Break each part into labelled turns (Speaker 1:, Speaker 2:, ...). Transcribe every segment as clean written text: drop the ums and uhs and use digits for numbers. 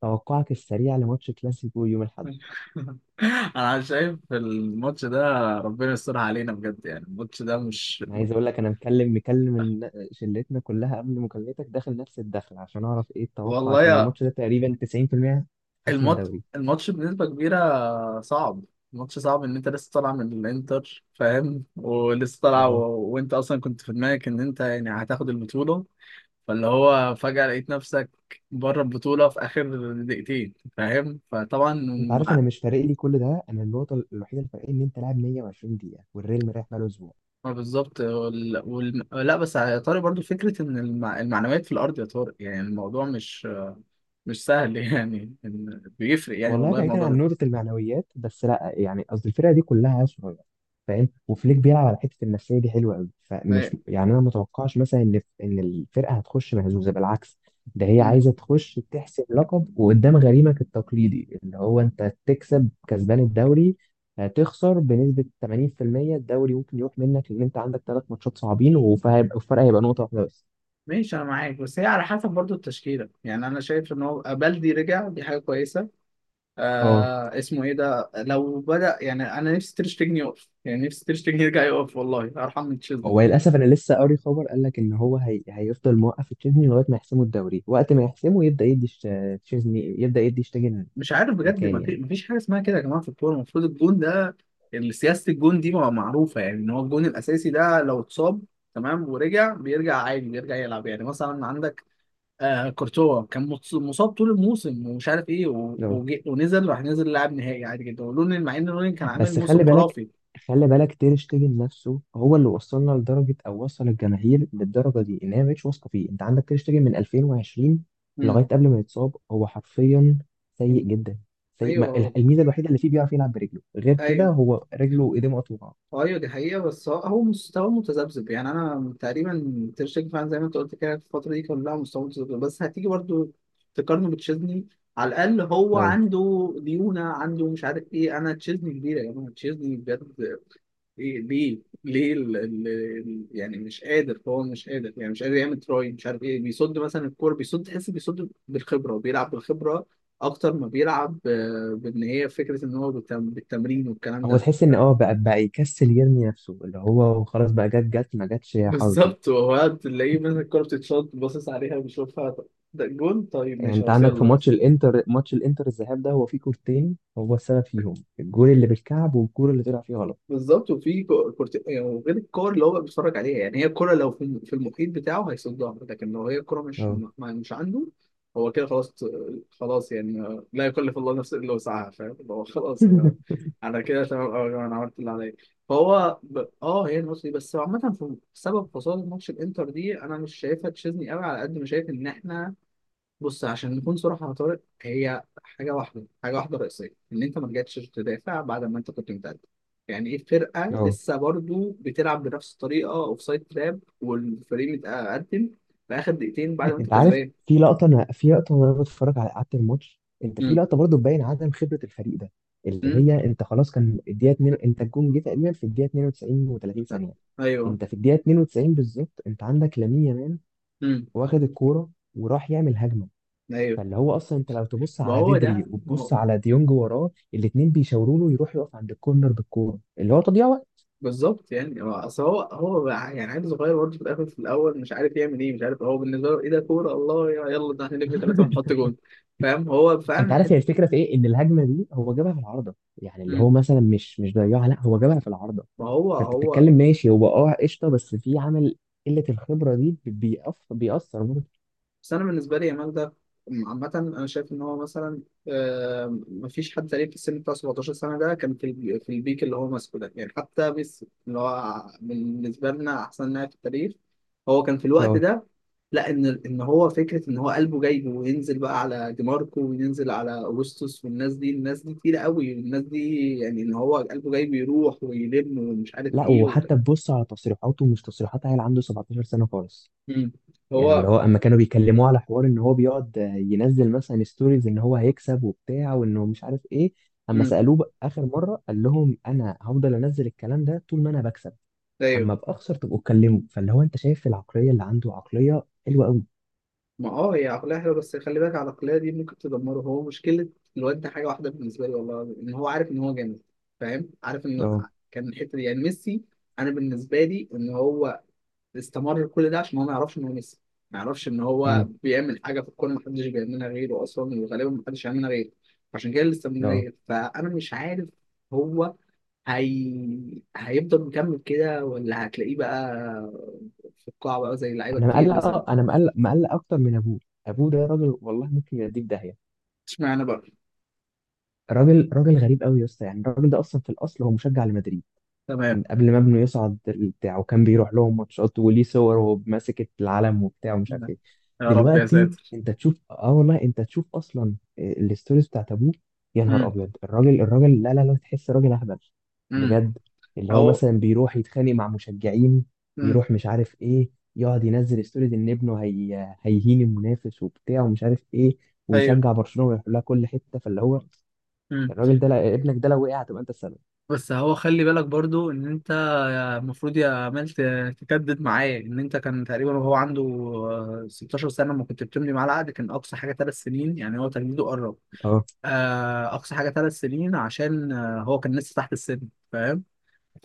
Speaker 1: توقعك السريع لماتش كلاسيكو يوم الاحد.
Speaker 2: انا شايف الماتش ده. ربنا يسترها علينا بجد. يعني الماتش ده مش...
Speaker 1: انا عايز اقول لك انا مكلم شلتنا كلها قبل مكالمتك داخل نفس الدخل عشان اعرف ايه التوقع،
Speaker 2: والله
Speaker 1: عشان
Speaker 2: يا...
Speaker 1: الماتش ده تقريبا 90% حسم
Speaker 2: الماتش
Speaker 1: الدوري.
Speaker 2: الماتش بنسبة كبيرة صعب. الماتش صعب ان انت لسه طالع من الانتر، فاهم، ولسه طالع و...
Speaker 1: اه
Speaker 2: وانت اصلا كنت في دماغك ان انت يعني هتاخد البطولة، فاللي هو فجأة لقيت نفسك بره البطولة في اخر دقيقتين، فاهم، فطبعا
Speaker 1: انت عارف انا
Speaker 2: مع...
Speaker 1: مش فارق لي كل ده، انا النقطه الوحيده اللي فارقاني ان انت لاعب 120 دقيقه والريال مريح بقاله اسبوع.
Speaker 2: ما بالظبط. لا بس يا طارق، برضو فكرة ان الم... المعنويات في الارض، يا طارق يعني الموضوع مش مش سهل يعني بيفرق يعني،
Speaker 1: والله
Speaker 2: والله
Speaker 1: بعيدا
Speaker 2: الموضوع
Speaker 1: عن
Speaker 2: ده
Speaker 1: نقطة المعنويات، بس لا يعني قصدي الفرقة دي كلها صغيرة فاهم، وفليك بيلعب على حتة النفسية دي حلوة قوي،
Speaker 2: ما-
Speaker 1: فمش يعني أنا متوقعش مثلا إن الفرقة هتخش مهزوزة، بالعكس ده هي
Speaker 2: مم.
Speaker 1: عايزة تخش تحسب لقب، وقدام غريمك التقليدي اللي هو أنت تكسب كسبان الدوري. هتخسر بنسبة 80%، الدوري ممكن يروح منك لأن أنت عندك 3 ماتشات صعبين وهيبقى الفرق هيبقى نقطة واحدة بس.
Speaker 2: ماشي انا معاك، بس هي على حسب برضو التشكيله. يعني انا شايف ان هو بلدي رجع، دي حاجه كويسه.
Speaker 1: اه
Speaker 2: آه، اسمه ايه ده، لو بدا يعني، انا نفسي تيرشتجن يقف، يعني نفسي تيرشتجن يرجع يقف، والله ارحم من تشيزني.
Speaker 1: هو للاسف انا لسه قاري خبر، قال لك ان هو هيفضل موقف تشيزني لغايه ما يحسموا الدوري، وقت ما يحسموا يبدا تشيزني يبدا يدي شتيجن
Speaker 2: مش عارف بجد،
Speaker 1: مكان
Speaker 2: ما في
Speaker 1: يعني.
Speaker 2: ما فيش حاجه اسمها كده يا جماعه. في الكوره المفروض الجون ده، سياسه الجون دي معروفه، يعني ان هو الجون الاساسي ده لو اتصاب تمام ورجع، بيرجع عادي، بيرجع يلعب. يعني مثلا عندك آه كورتوا، كان مصاب طول الموسم ومش عارف ايه
Speaker 1: لو.
Speaker 2: ونزل، راح نزل لعب نهائي عادي جدا، ولونين، مع ان لونين كان عامل
Speaker 1: بس خلي
Speaker 2: موسم
Speaker 1: بالك،
Speaker 2: خرافي.
Speaker 1: تير شتيجن نفسه هو اللي وصلنا لدرجه، او وصل الجماهير للدرجه دي ان هي مش واثقه فيه. انت عندك تير شتيجن من 2020 لغايه
Speaker 2: امم.
Speaker 1: قبل ما يتصاب، هو حرفيا سيء جدا، سيء ما...
Speaker 2: ايوه،
Speaker 1: الميزه الوحيده اللي فيه بيعرف يلعب برجله، غير كده
Speaker 2: ايوه،
Speaker 1: هو رجله وايديه مقطوعه.
Speaker 2: ايوه دي حقيقة. بس هو مستواه متذبذب. يعني انا تقريبا تير شتيجن فعلا زي ما انت قلت كده، في الفترة دي كلها مستواه متذبذب، بس هتيجي برضو تقارنه بتشيزني، على الاقل هو
Speaker 1: No.
Speaker 2: عنده ديونة، عنده مش عارف ايه. انا تشيزني كبيرة يا جماعة، تشيزني بجد. ليه، ليه، ليه، يعني مش قادر، هو مش قادر، يعني مش قادر يعمل تراي مش عارف ايه، بيصد مثلا الكوره، بيصد، تحس بيصد بالخبره وبيلعب بالخبره اكتر ما بيلعب. آه، هي فكره ان هو بالتمرين والكلام
Speaker 1: هو
Speaker 2: ده.
Speaker 1: تحس ان
Speaker 2: فاهم؟
Speaker 1: بقى يكسل، يرمي نفسه اللي هو خلاص بقى، جت جت ما جتش يا حظي.
Speaker 2: بالظبط، وهو تلاقيه مثلا الكوره بتتشط باصص عليها، بيشوفها، طب ده جون، طيب
Speaker 1: يعني
Speaker 2: ماشي
Speaker 1: انت
Speaker 2: خلاص
Speaker 1: عندك في
Speaker 2: يلا.
Speaker 1: ماتش الانتر، ماتش الانتر الذهاب ده هو فيه كورتين هو السبب فيهم، الجول اللي بالكعب والجول اللي طلع فيه غلط.
Speaker 2: بالظبط. وفي كورت يعني، وغير الكور اللي هو بقى بيتفرج عليها. يعني هي الكوره لو في في المحيط بتاعه هيصدها، لكن لو هي الكوره مش
Speaker 1: اه
Speaker 2: مش عنده، هو كده خلاص، خلاص. يعني لا يكلف الله نفسا الا وسعها، فاهم، اللي هو خلاص انا انا كده تمام أوي يا جماعة، انا عملت اللي عليا. فهو اه، هي الماتش دي بس عامة، في سبب خسارة ماتش الانتر دي، انا مش شايفها تشيزني قوي على قد ما شايف ان احنا... بص، عشان نكون صراحة يا طارق، هي حاجة واحدة، حاجة واحدة رئيسية، إن أنت ما رجعتش تدافع بعد ما أنت كنت متقدم. يعني إيه فرقة
Speaker 1: اه
Speaker 2: لسه برضو بتلعب بنفس الطريقة أوف سايد تراب، والفريق متقدم في آخر دقيقتين بعد ما أنت
Speaker 1: انت عارف،
Speaker 2: كسبان؟
Speaker 1: في لقطه، في لقطه وانا بتفرج على قعدة الماتش، انت في
Speaker 2: امم.
Speaker 1: لقطه برضو تبين عدم خبره الفريق ده، اللي
Speaker 2: امم.
Speaker 1: هي انت خلاص كان الدقيقه 2، انت الجون جه تقريبا في الدقيقه 92 و30 ثانيه.
Speaker 2: أيوه.
Speaker 1: انت في الدقيقه 92 بالظبط، انت عندك لامين يامال
Speaker 2: امم.
Speaker 1: واخد الكوره وراح يعمل هجمه،
Speaker 2: أيوه.
Speaker 1: فاللي هو اصلا انت لو تبص
Speaker 2: ما
Speaker 1: على
Speaker 2: هو
Speaker 1: بدري
Speaker 2: ده، ما
Speaker 1: وتبص
Speaker 2: هو
Speaker 1: على ديونج وراه الاتنين بيشاوروا له يروح يقف عند الكورنر بالكوره اللي هو تضييع وقت.
Speaker 2: بالظبط. يعني هو أصل هو يعني عيل صغير برضه، في الآخر في الأول مش عارف يعمل إيه، مش عارف هو بالنسبة له إيه ده، كورة الله يلا ده هنلف ثلاثة ونحط جون فاهم، هو
Speaker 1: انت
Speaker 2: فعلا
Speaker 1: عارف هي
Speaker 2: حتة...
Speaker 1: الفكره في ايه، ان الهجمه دي هو جابها في العارضه يعني اللي هو مثلا مش ضيعها، لا هو جابها في العارضه.
Speaker 2: ما هو
Speaker 1: فانت
Speaker 2: هو.
Speaker 1: بتتكلم ماشي هو قشطه، بس في عامل قله الخبره دي بيقف بيأثر برضه.
Speaker 2: بس انا بالنسبه لي يامال ده عامه انا شايف ان هو مثلا آه، مفيش حد تقريبا في السن بتاع 17 سنه ده كان في في البيك اللي هو ماسكه ده، يعني حتى بس اللي هو بالنسبه لنا احسن لاعب في التاريخ هو كان في الوقت
Speaker 1: اه.
Speaker 2: ده. لا، ان هو فكره ان هو قلبه جايبه وينزل بقى على ديماركو وينزل على اوغسطس، والناس دي، الناس دي تقيله قوي، الناس دي يعني ان هو قلبه جايبه يروح ويلم ومش عارف
Speaker 1: لا،
Speaker 2: ايه وت...
Speaker 1: وحتى تبص على تصريحاته مش تصريحات عيل عنده 17 سنه خالص.
Speaker 2: مم.
Speaker 1: يعني
Speaker 2: هو...
Speaker 1: اللي هو اما كانوا بيكلموه على حوار ان هو بيقعد ينزل مثلا ستوريز ان هو هيكسب وبتاع، وانه مش عارف ايه. اما
Speaker 2: امم.
Speaker 1: سالوه بقى اخر مره، قال لهم انا هفضل انزل الكلام ده طول ما انا بكسب، اما باخسر تبقوا اتكلموا. فاللي هو انت شايف العقليه اللي عنده عقليه حلوه قوي.
Speaker 2: ما اه، هي عقلية حلوة، بس خلي بالك العقلية دي ممكن تدمره. هو مشكلة الواد ده حاجة واحدة بالنسبة لي والله، إن هو عارف إن هو جامد، فاهم، عارف إن...
Speaker 1: اه
Speaker 2: كان الحتة دي يعني ميسي. أنا بالنسبة لي إن هو استمر كل ده عشان هو ما يعرفش إن هو ميسي، ما يعرفش إن هو
Speaker 1: امم
Speaker 2: بيعمل حاجة في الكورة محدش بيعملها غيره أصلا، وغالبا محدش يعملها غيره، عشان كده
Speaker 1: اه
Speaker 2: الاستمرارية. فأنا مش عارف هو هيفضل مكمل كده، ولا هتلاقيه بقى في القاع بقى زي لعيبة
Speaker 1: انا
Speaker 2: كتير مثلا.
Speaker 1: مقلق، مقلق اكتر من ابوه. ابوه ده راجل، والله ممكن يوديه في داهيه.
Speaker 2: اشمعنى بقى؟
Speaker 1: راجل غريب قوي يا اسطى، يعني الراجل ده اصلا في الاصل هو مشجع لمدريد
Speaker 2: تمام.
Speaker 1: من قبل ما ابنه يصعد بتاع وكان بيروح لهم ماتشات وليه صور وهو ماسك العلم وبتاع ومش عارف ايه.
Speaker 2: يا رب يا
Speaker 1: دلوقتي
Speaker 2: ساتر.
Speaker 1: انت تشوف والله انت تشوف اصلا الستوريز بتاعت ابوه، يا نهار
Speaker 2: امم.
Speaker 1: ابيض. الراجل لا، تحس راجل اهبل
Speaker 2: امم.
Speaker 1: بجد. اللي هو
Speaker 2: اهو.
Speaker 1: مثلا بيروح يتخانق مع مشجعين،
Speaker 2: امم.
Speaker 1: يروح مش عارف ايه، يقعد ينزل ستوريز ان ابنه هيهين المنافس وبتاع ومش عارف ايه،
Speaker 2: ايوه.
Speaker 1: ويشجع برشلونة ويروح لها كل حتة. فاللي هو
Speaker 2: امم.
Speaker 1: الراجل ده ابنك ده لو وقع هتبقى انت السبب.
Speaker 2: بس هو خلي بالك برضو ان انت المفروض يا عمال تجدد معاه، ان انت كان تقريبا وهو عنده آه، 16 سنه، ما كنت بتمضي معاه العقد كان اقصى حاجه 3 سنين، يعني هو تجديده قرب. آه، اقصى حاجه 3 سنين عشان آه، هو كان لسه تحت السن، فاهم،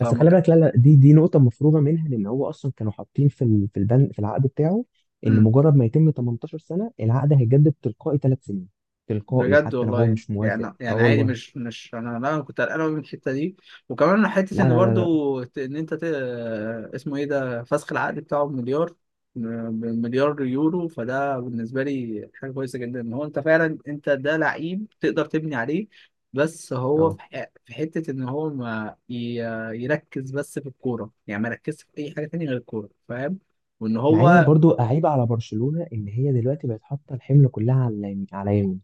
Speaker 1: بس خلي بالك، لا، دي نقطة مفروغة منها، لأن هو أصلا كانوا حاطين في البند في العقد بتاعه إن
Speaker 2: كان...
Speaker 1: مجرد ما يتم 18 سنة العقد هيجدد تلقائي 3 سنين. تلقائي
Speaker 2: بجد
Speaker 1: حتى لو هو
Speaker 2: والله؟
Speaker 1: مش موافق،
Speaker 2: يعني
Speaker 1: أه
Speaker 2: يعني عادي
Speaker 1: والله.
Speaker 2: مش مش انا... لا، انا كنت قلقان أوي من الحته دي. وكمان حته
Speaker 1: لا
Speaker 2: ان
Speaker 1: لا لا لا
Speaker 2: برضو ان انت اسمه ايه ده فسخ العقد بتاعه بمليار. بمليار يورو، فده بالنسبه لي حاجه كويسه جدا، ان هو انت فعلا انت ده لعيب تقدر تبني عليه. بس هو
Speaker 1: أه،
Speaker 2: في في حته ان هو ما ي... يركز بس في الكوره، يعني ما يركزش في اي حاجه تانية غير الكوره، فاهم، وان
Speaker 1: مع إن أنا
Speaker 2: هو...
Speaker 1: برضو أعيب على برشلونة إن هي دلوقتي بقت حاطة الحمل كلها على اليمين، على يمين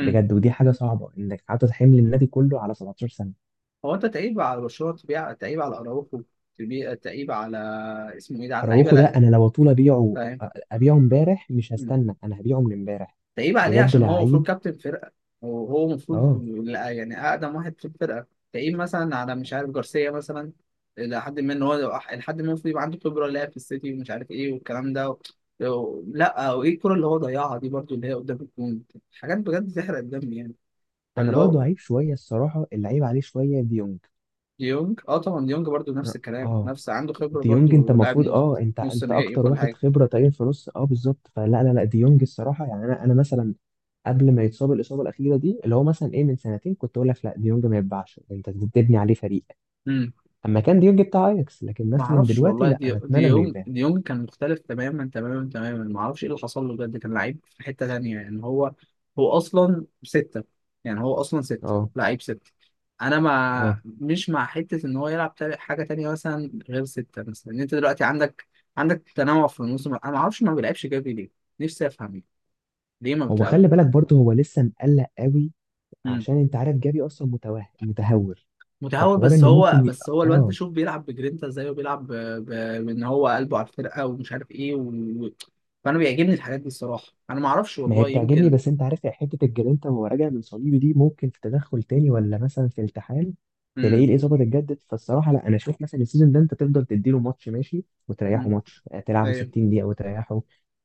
Speaker 1: بجد. ودي حاجة صعبة إنك حاطط حمل النادي كله على 17 سنة.
Speaker 2: هو انت تعيب على برشلونه؟ تبيع، تعيب على اراوخو. تبيع، تعيب على اسمه ايه ده، على اللعيبه.
Speaker 1: أراوخو ده
Speaker 2: لا،
Speaker 1: أنا لو طول أبيعه،
Speaker 2: فاهم.
Speaker 1: إمبارح مش
Speaker 2: مم.
Speaker 1: هستنى، أنا هبيعه من إمبارح
Speaker 2: تعيب عليه
Speaker 1: بجد،
Speaker 2: عشان هو
Speaker 1: لعيب.
Speaker 2: المفروض كابتن فرقه، وهو المفروض...
Speaker 1: أه،
Speaker 2: لا، يعني اقدم واحد في الفرقه. تعيب مثلا على مش عارف جارسيا مثلا، لحد ما ان هو لحد ما المفروض يبقى عنده خبره، لاعب في السيتي ومش عارف ايه والكلام ده و... لا، وايه الكره اللي هو ضيعها دي برضو اللي هي قدام الجون، حاجات بجد تحرق الدم يعني.
Speaker 1: انا
Speaker 2: فاللي هو...
Speaker 1: برضو عيب شويه الصراحه، اللي عيب عليه شويه ديونج.
Speaker 2: ديونج اه، طبعا ديونج برضو نفس الكلام،
Speaker 1: اه
Speaker 2: نفس عنده خبره
Speaker 1: ديونج انت
Speaker 2: برضو، لاعب
Speaker 1: المفروض
Speaker 2: نص،
Speaker 1: انت
Speaker 2: نص
Speaker 1: انت
Speaker 2: نهائي
Speaker 1: اكتر
Speaker 2: وكل
Speaker 1: واحد
Speaker 2: حاجه.
Speaker 1: خبره تقريبا في نص، بالظبط. فلا، لا لا ديونج الصراحه، يعني انا مثلا قبل ما يتصاب الاصابه الاخيره دي، اللي هو مثلا ايه من سنتين، كنت اقول لك لا ديونج ما يتباعش، انت بتبني عليه فريق
Speaker 2: امم.
Speaker 1: اما كان ديونج بتاع اياكس. لكن
Speaker 2: ما
Speaker 1: مثلا
Speaker 2: اعرفش
Speaker 1: دلوقتي
Speaker 2: والله،
Speaker 1: لا،
Speaker 2: دي
Speaker 1: انا
Speaker 2: دي
Speaker 1: اتمنى انه
Speaker 2: يوم،
Speaker 1: يتباع.
Speaker 2: دي يوم كان مختلف تماما تماما تماما، ما اعرفش ايه اللي حصل له بجد، كان لعيب في حتة تانية. يعني هو هو اصلا ستة، يعني هو اصلا ستة
Speaker 1: اه
Speaker 2: لعيب ستة. انا ما
Speaker 1: اه
Speaker 2: مش مع حتة ان هو يلعب حاجة تانية مثلا غير ستة، مثلا ان انت دلوقتي عندك تنوع في الموسم. انا ما اعرفش، ما بيلعبش جافي ليه؟ نفسي افهم، ليه ما
Speaker 1: هو
Speaker 2: بتلعب؟
Speaker 1: خلي بالك برضه هو لسه مقلق قوي، عشان انت عارف جافي اصلا متوه متهور.
Speaker 2: متهور،
Speaker 1: فحوار
Speaker 2: بس
Speaker 1: انه
Speaker 2: هو
Speaker 1: ممكن ي...
Speaker 2: الواد ده
Speaker 1: اه
Speaker 2: شوف بيلعب بجرينتا ازاي، وبيلعب بان هو قلبه على الفرقه ومش عارف ايه و... فانا بيعجبني الحاجات دي الصراحه. انا ما اعرفش
Speaker 1: ما هي
Speaker 2: والله،
Speaker 1: بتعجبني،
Speaker 2: يمكن.
Speaker 1: بس انت عارف يا حته الجرينتا وهو راجع من صليبي دي، ممكن في تدخل تاني ولا مثلا في التحام تلاقيه
Speaker 2: امم.
Speaker 1: الاصابه اتجدد. فالصراحه لا، انا اشوف مثلا السيزون ده انت تفضل تديله ماتش ماشي
Speaker 2: امم.
Speaker 1: وتريحه ماتش، تلعبه
Speaker 2: ايوه.
Speaker 1: 60 دقيقه وتريحه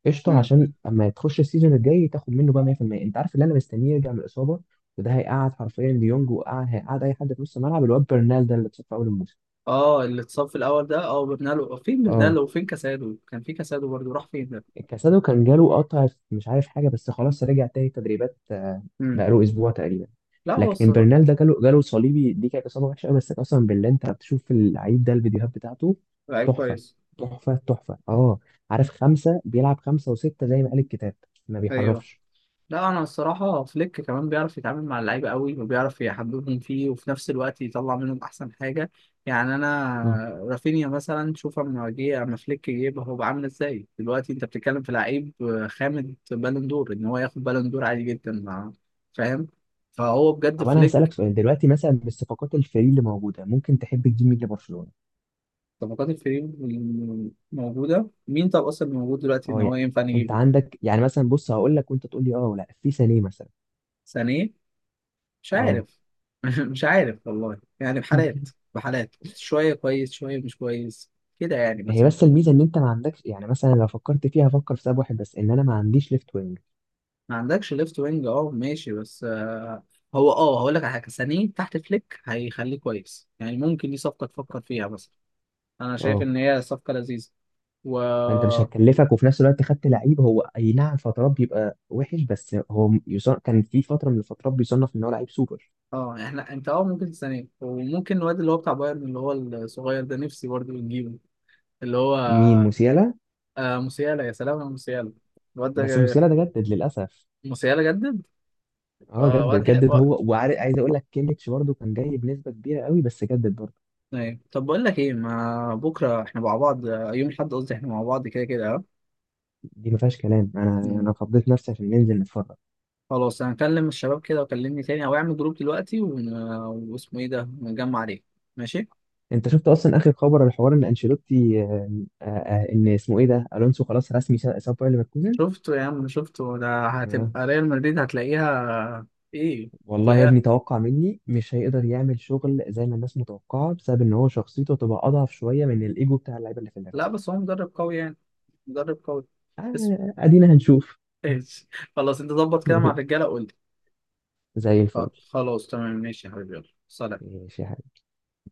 Speaker 1: قشطه،
Speaker 2: امم.
Speaker 1: عشان اما تخش السيزون الجاي تاخد منه بقى 100%. انت عارف اللي انا مستنيه يرجع من الاصابه، وده هيقعد حرفيا ديونج وقعد هيقعد اي حد في نص الملعب، الواد برنال ده اللي اتصاب في اول الموسم.
Speaker 2: اه، اللي اتصاب في الاول ده، اه برنالو، فين
Speaker 1: اه
Speaker 2: برنالو وفين كاسادو؟ كان في كاسادو برضه، راح فين ده؟
Speaker 1: كاسادو كان جاله قطع في مش عارف حاجة، بس خلاص رجع تاني تدريبات،
Speaker 2: امم.
Speaker 1: بقاله أسبوع تقريبا.
Speaker 2: لا، هو
Speaker 1: لكن
Speaker 2: الصراحه
Speaker 1: برنال ده جاله صليبي دي كانت إصابة وحشة أوي، بس قسما بالله أنت بتشوف اللعيب ده الفيديوهات بتاعته
Speaker 2: لعيب
Speaker 1: تحفة.
Speaker 2: كويس.
Speaker 1: أه، عارف خمسة بيلعب خمسة وستة زي ما قال الكتاب، ما
Speaker 2: ايوه.
Speaker 1: بيحرفش.
Speaker 2: لا، انا الصراحه فليك كمان بيعرف يتعامل مع اللعيبه قوي، وبيعرف يحببهم فيه، وفي نفس الوقت يطلع منهم احسن حاجه. يعني انا...
Speaker 1: مم.
Speaker 2: رافينيا مثلا، شوف اما جه، اما فليك جه يبقى هو بعمل ازاي؟ دلوقتي انت بتتكلم في لعيب خامد، بالون دور، ان هو ياخد بالون دور عادي جدا مع... فاهم، فهو بجد
Speaker 1: طب أنا هسألك
Speaker 2: فليك...
Speaker 1: سؤال دلوقتي، مثلا بالصفقات الفري اللي موجودة ممكن تحب تجيب مين لبرشلونة؟
Speaker 2: طبقات الفريق موجوده مين؟ طب اصلا موجود دلوقتي ان
Speaker 1: أه
Speaker 2: هو
Speaker 1: يعني،
Speaker 2: ينفع
Speaker 1: أنت
Speaker 2: نجيبه؟
Speaker 1: عندك يعني مثلا، بص هقول لك وأنت تقول لي أه ولا لأ. في سانيه مثلا؟
Speaker 2: سانيه. مش
Speaker 1: أه.
Speaker 2: عارف مش عارف والله، يعني بحالات، بحالات شوية كويس شوية مش كويس، كده يعني
Speaker 1: هي
Speaker 2: مثلا.
Speaker 1: بس الميزه ان انت ما عندكش، يعني مثلا لو فكرت فيها فكر في سبب واحد بس، ان انا ما عنديش ليفت وينج.
Speaker 2: ما عندكش ليفت وينج، اه ماشي، بس آه، هو اه، هقول لك على حاجة سانيه تحت فليك هيخليه كويس، يعني ممكن دي صفقة تفكر فيها مثلا. انا شايف
Speaker 1: اه
Speaker 2: ان هي صفقة لذيذة. و
Speaker 1: انت مش
Speaker 2: اه...
Speaker 1: هتكلفك، وفي نفس الوقت خدت لعيب هو اي نعم فترات بيبقى وحش، بس هو يصنف كان في فتره من الفترات بيصنف ان هو لعيب سوبر.
Speaker 2: آه، احنا انت اه، ممكن سانيه وممكن الواد اللي هو بتاع بايرن اللي هو الصغير ده نفسي برضه نجيبه، اللي هو...
Speaker 1: مين، موسيالا؟
Speaker 2: آه موسيالا، يا سلام يا موسيالا، الواد ده.
Speaker 1: بس موسيالا ده جدد للاسف.
Speaker 2: موسيالا جدد؟
Speaker 1: اه جدد
Speaker 2: واد.
Speaker 1: هو، وعارف عايز اقول لك كيميتش برضه كان جاي بنسبه كبيره قوي، بس جدد برضه.
Speaker 2: ايوه، طب بقول لك ايه، ما بكره احنا مع بعض آه، يوم الاحد، قصدي احنا مع بعض كده كده اه.
Speaker 1: دي ما فيهاش كلام، انا
Speaker 2: مم.
Speaker 1: انا فضيت نفسي عشان ننزل نتفرج.
Speaker 2: خلاص، انا هكلم الشباب كده وكلمني تاني، او اعمل جروب دلوقتي واسمه ايه ده ونجمع عليه. ماشي.
Speaker 1: انت شفت اصلا اخر خبر على حوار ان انشيلوتي، ان اسمه ايه ده الونسو خلاص رسمي ساب، باير ليفركوزن.
Speaker 2: شفته يا عم، شفته، ده
Speaker 1: آه.
Speaker 2: هتبقى ريال مدريد، هتلاقيها. ايه.
Speaker 1: والله يا
Speaker 2: هتلاقيها.
Speaker 1: ابني توقع مني مش هيقدر يعمل شغل زي ما الناس متوقعه، بسبب ان هو شخصيته تبقى اضعف شويه من الايجو بتاع اللعيبه اللي في
Speaker 2: لا،
Speaker 1: النادي.
Speaker 2: بس هو مدرب قوي يعني، مدرب قوي. اسم.
Speaker 1: ادينا هنشوف.
Speaker 2: ايش خلاص، انت ظبط كده مع الرجاله قول لي.
Speaker 1: زي الفل.
Speaker 2: خلاص تمام، ماشي يا حبيبي، يلا سلام.
Speaker 1: ماشي يا